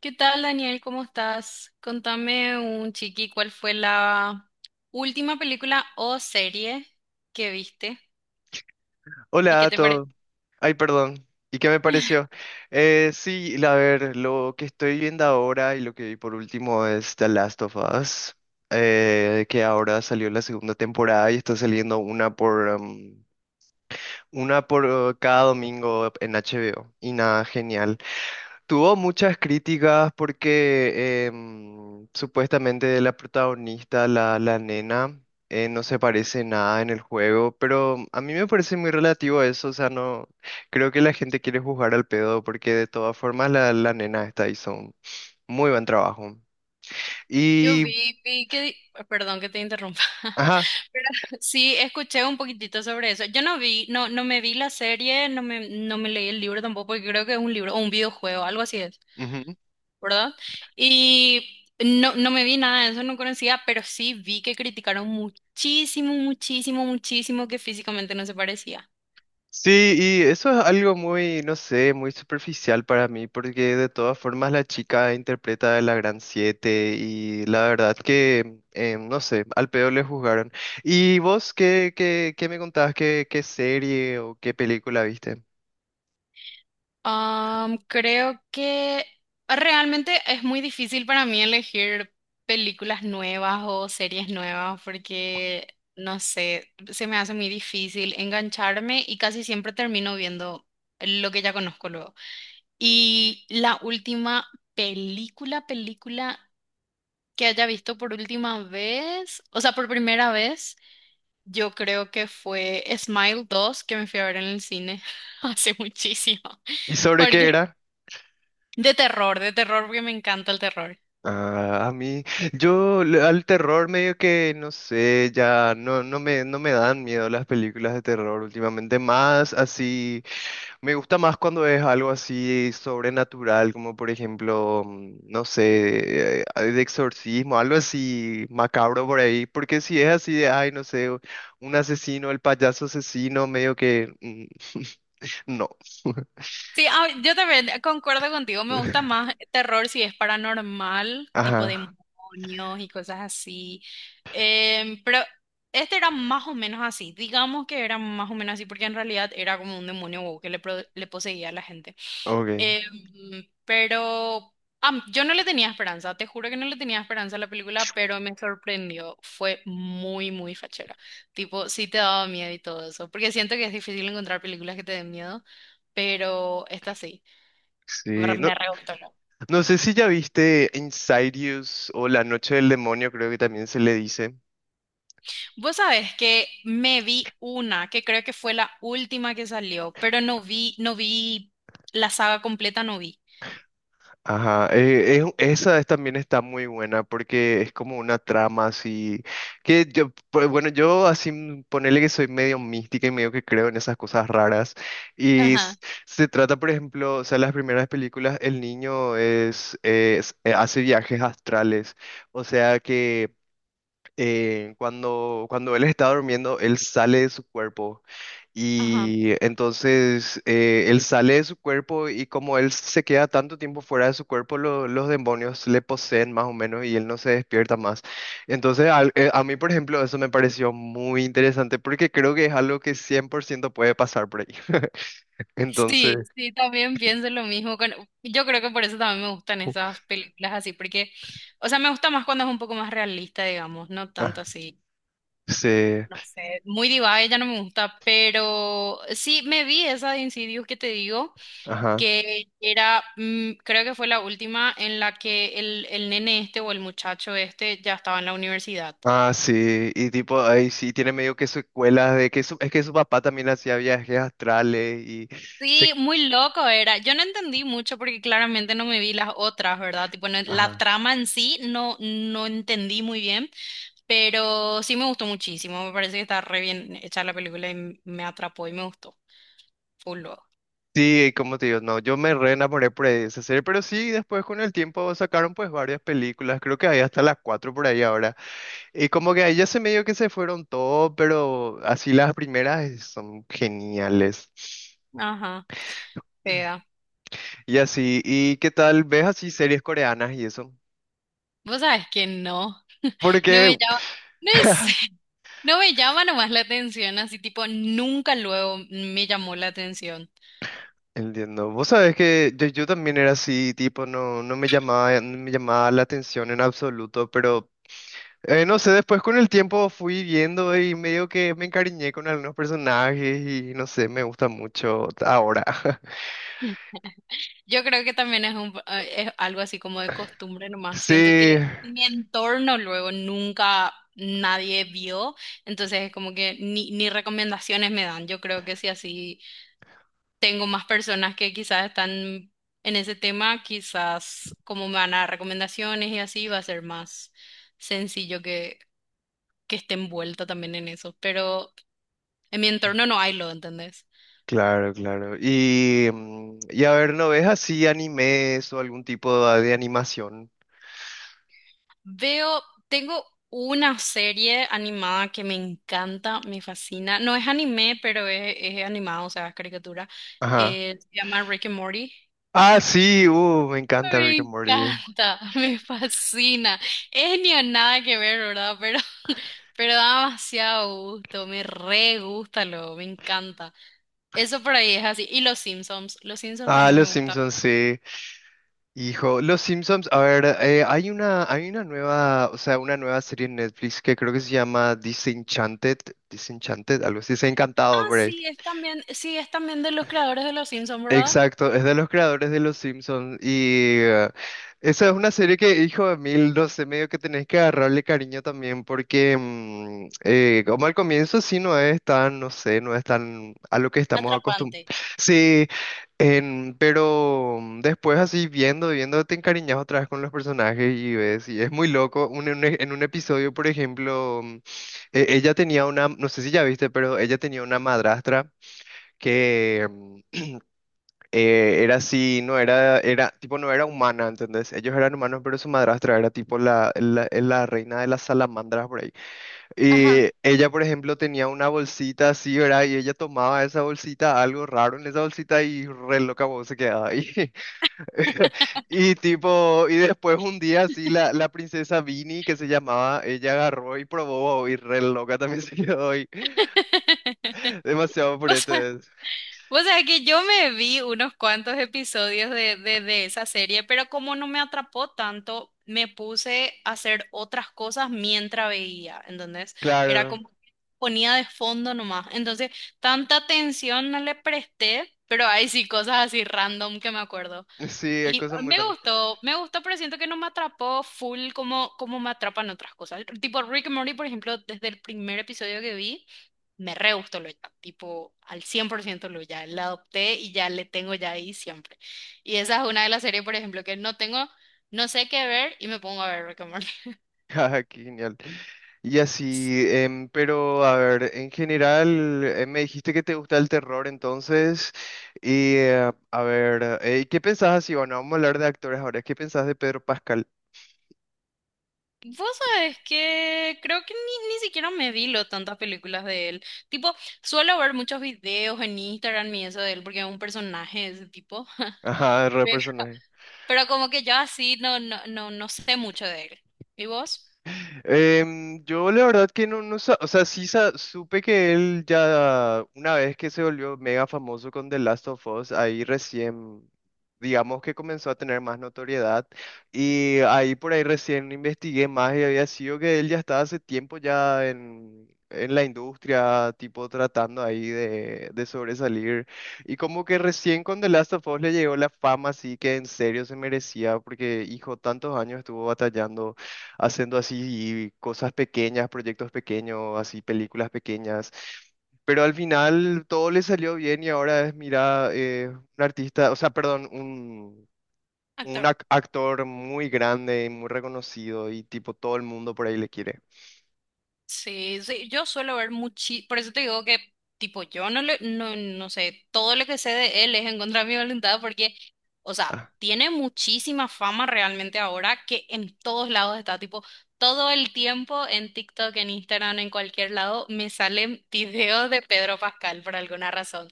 ¿Qué tal, Daniel? ¿Cómo estás? Contame un chiqui, ¿cuál fue la última película o serie que viste? ¿Y Hola qué a te pareció? todos. Ay, perdón. ¿Y qué me pareció? Sí, a ver, lo que estoy viendo ahora y lo que vi por último es The Last of Us, que ahora salió la segunda temporada y está saliendo una por cada domingo en HBO. Y nada, genial. Tuvo muchas críticas porque supuestamente la protagonista, la nena, no se parece nada en el juego, pero a mí me parece muy relativo a eso, o sea, no creo que la gente quiere juzgar al pedo porque de todas formas la nena está hizo un muy buen trabajo. Yo Y, vi, vi que, di- perdón que te interrumpa, ajá. pero sí escuché un poquitito sobre eso. Yo no vi, no me vi la serie, no me leí el libro tampoco, porque creo que es un libro o un videojuego, algo así es, ¿verdad? Y no, no me vi nada de eso, no conocía, pero sí vi que criticaron muchísimo, muchísimo, muchísimo que físicamente no se parecía. Sí, y eso es algo muy, no sé, muy superficial para mí, porque de todas formas la chica interpreta a la Gran Siete y la verdad que, no sé, al pedo le juzgaron. ¿Y vos qué me contabas? ¿Qué serie o qué película viste? Creo que realmente es muy difícil para mí elegir películas nuevas o series nuevas porque, no sé, se me hace muy difícil engancharme y casi siempre termino viendo lo que ya conozco luego. Y la última película que haya visto por última vez, o sea, por primera vez, yo creo que fue Smile dos que me fui a ver en el cine hace muchísimo. ¿Y sobre qué Porque era? De terror, porque me encanta el terror. Ah, a mí, Eh, al terror medio que no sé, ya no, no me dan miedo las películas de terror últimamente, más así, me gusta más cuando es algo así sobrenatural, como por ejemplo, no sé, de exorcismo, algo así macabro por ahí, porque si es así de, ay, no sé, un asesino, el payaso asesino, medio que, no. Sí, ah, yo también concuerdo contigo, me gusta más terror si es paranormal, tipo Ajá, demonios y cosas así. Pero este era más o menos así, digamos que era más o menos así, porque en realidad era como un demonio wow, que le poseía a la gente. ok. Em, pero yo no le tenía esperanza, te juro que no le tenía esperanza a la película, pero me sorprendió. Fue muy, muy fachera. Tipo, sí te daba miedo y todo eso, porque siento que es difícil encontrar películas que te den miedo, pero esta sí, Sí, no. me re gustó. No sé si ya viste Insidious o La Noche del Demonio, creo que también se le dice. Vos sabés que me vi una, que creo que fue la última que salió, pero no vi la saga completa, no vi. Ajá, también está muy buena porque es como una trama así, que yo, pues, bueno, yo así ponele que soy medio mística y medio que creo en esas cosas raras. Y Ajá. se trata, por ejemplo, o sea, las primeras películas, el niño hace viajes astrales, o sea que cuando él está durmiendo, él sale de su cuerpo. Y entonces él sale de su cuerpo y como él se queda tanto tiempo fuera de su cuerpo, los demonios le poseen más o menos y él no se despierta más. Entonces a mí, por ejemplo, eso me pareció muy interesante porque creo que es algo que 100% puede pasar por ahí. Entonces, Sí, sí, también pienso lo mismo. Yo creo que por eso también me gustan esas películas así, porque, o sea, me gusta más cuando es un poco más realista, digamos, no tanto ah, así, sí, no sé, muy diva, ella no me gusta, pero sí, me vi esa de Insidious que te digo, ajá. que era, mm, creo que fue la última en la que el nene este o el muchacho este ya estaba en la universidad. Ah, sí, y tipo, ahí sí tiene medio que secuelas de que es que su papá también hacía viajes astrales y se, Sí, muy loco era. Yo no entendí mucho porque claramente no me vi las otras, ¿verdad? Tipo, la ajá. trama en sí no, no entendí muy bien, pero sí me gustó muchísimo. Me parece que está re bien hecha la película y me atrapó y me gustó. Full loco. Sí, como te digo, no, yo me re enamoré por esa serie, pero sí, después con el tiempo sacaron pues varias películas, creo que hay hasta las cuatro por ahí ahora, y como que ahí ya se medio que se fueron todo, pero así las primeras son geniales, Ajá, pega. y así, ¿y qué tal? ¿Ves así series coreanas y eso? Vos sabés que no. No me Porque, llama. No sé. No me llama nomás la atención, así tipo, nunca luego me llamó la atención. Entiendo. Vos sabés que yo también era así, tipo, no, no me llamaba la atención en absoluto, pero no sé, después con el tiempo fui viendo y medio que me encariñé con algunos personajes y no sé, me gusta mucho ahora. Yo creo que también es, es algo así como de costumbre nomás. Siento Sí, que en mi entorno luego nunca nadie vio, entonces es como que ni recomendaciones me dan. Yo creo que si así tengo más personas que quizás están en ese tema, quizás como me van a dar recomendaciones y así va a ser más sencillo que esté envuelta también en eso. Pero en mi entorno no hay lo, ¿entendés? claro, claro. Y a ver, ¿no ves así animes o algún tipo de animación? Veo, tengo una serie animada que me encanta, me fascina. No es anime, pero es animado, o sea, es caricatura. Ajá. Se llama Rick and Morty. Ah, sí, me encanta Rick Me and Morty. encanta, me fascina. Es ni a nada que ver, ¿verdad? Pero, pero da demasiado gusto, me re gusta, lo, me encanta. Eso por ahí es así. Y los Simpsons Ah, también Los me gustan. Simpsons, sí. Hijo, Los Simpsons, a ver, hay una nueva, o sea, una nueva serie en Netflix que creo que se llama Disenchanted, algo así, se ha encantado. Ah, sí, es también de los creadores de los Simpsons, ¿verdad? Exacto, es de los creadores de Los Simpsons y esa es una serie que, hijo de mil, no sé, medio que tenés que agarrarle cariño también porque como al comienzo sí no es tan, no sé, no es tan a lo que estamos acostumbrados. Atrapante. Sí, pero después así viendo, viendo, te encariñas otra vez con los personajes y ves, y es muy loco. En un episodio, por ejemplo, ella tenía una, no sé si ya viste, pero ella tenía una madrastra. Que era así, no era, tipo, no era humana, ¿entendés? Ellos eran humanos, pero su madrastra era tipo la reina de las salamandras por ahí. Ajá. Y ella, por ejemplo, tenía una bolsita así, ¿verdad? Y ella tomaba esa bolsita, algo raro en esa bolsita y re loca vos se quedaba ahí. Y tipo, y después un día así, la princesa Vini, que se llamaba, ella agarró y probó y re loca también se quedó ahí. Demasiado O sea, fuerte. o sea que yo me vi unos cuantos episodios de esa serie, pero como no me atrapó tanto, me puse a hacer otras cosas mientras veía, ¿entendés? Era Claro. como que ponía de fondo nomás. Entonces, tanta atención no le presté, pero hay sí cosas así random que me acuerdo. Sí, hay Y cosas muy grandes. Me gustó, pero siento que no me atrapó full como, como me atrapan otras cosas. Tipo Rick and Morty, por ejemplo, desde el primer episodio que vi me re gustó Loya, tipo al 100% Loya, la adopté y ya le tengo ya ahí siempre. Y esa es una de las series, por ejemplo, que no tengo, no sé qué ver y me pongo a ver Rick and Morty. Qué genial. Y así, pero a ver, en general, me dijiste que te gusta el terror entonces, y a ver, ¿qué pensás así? Bueno, vamos a hablar de actores ahora, ¿qué pensás de Pedro Pascal? Vos sabés que creo que ni siquiera me vi lo tantas películas de él. Tipo, suelo ver muchos videos en Instagram y eso de él porque es un personaje de ese tipo. Ajá, de re personaje. Pero como que yo así no sé mucho de él. ¿Y vos? Yo la verdad que no, o sea, sí supe que él ya una vez que se volvió mega famoso con The Last of Us, ahí recién, digamos que comenzó a tener más notoriedad y ahí por ahí recién investigué más y había sido que él ya estaba hace tiempo ya en la industria, tipo tratando ahí de sobresalir y como que recién con The Last of Us le llegó la fama así que en serio se merecía porque hijo tantos años estuvo batallando haciendo así cosas pequeñas, proyectos pequeños, así películas pequeñas. Pero al final todo le salió bien y ahora es, mira, un artista, o sea, perdón, Actor. Actor muy grande y muy reconocido y tipo todo el mundo por ahí le quiere. Sí, sí, yo suelo ver muchísimo, por eso te digo que, tipo, yo no le, no, no sé, todo lo que sé de él es en contra de mi voluntad porque, o sea, Ah, tiene muchísima fama realmente ahora que en todos lados está, tipo, todo el tiempo en TikTok, en Instagram, en cualquier lado, me salen videos de Pedro Pascal por alguna razón.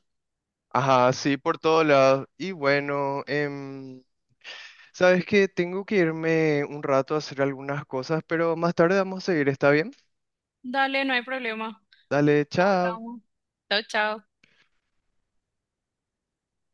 ajá, sí, por todos lados. Y bueno, sabes que tengo que irme un rato a hacer algunas cosas, pero más tarde vamos a seguir, ¿está bien? Dale, no hay problema. Dale, chao. Hablamos. Chao, chao.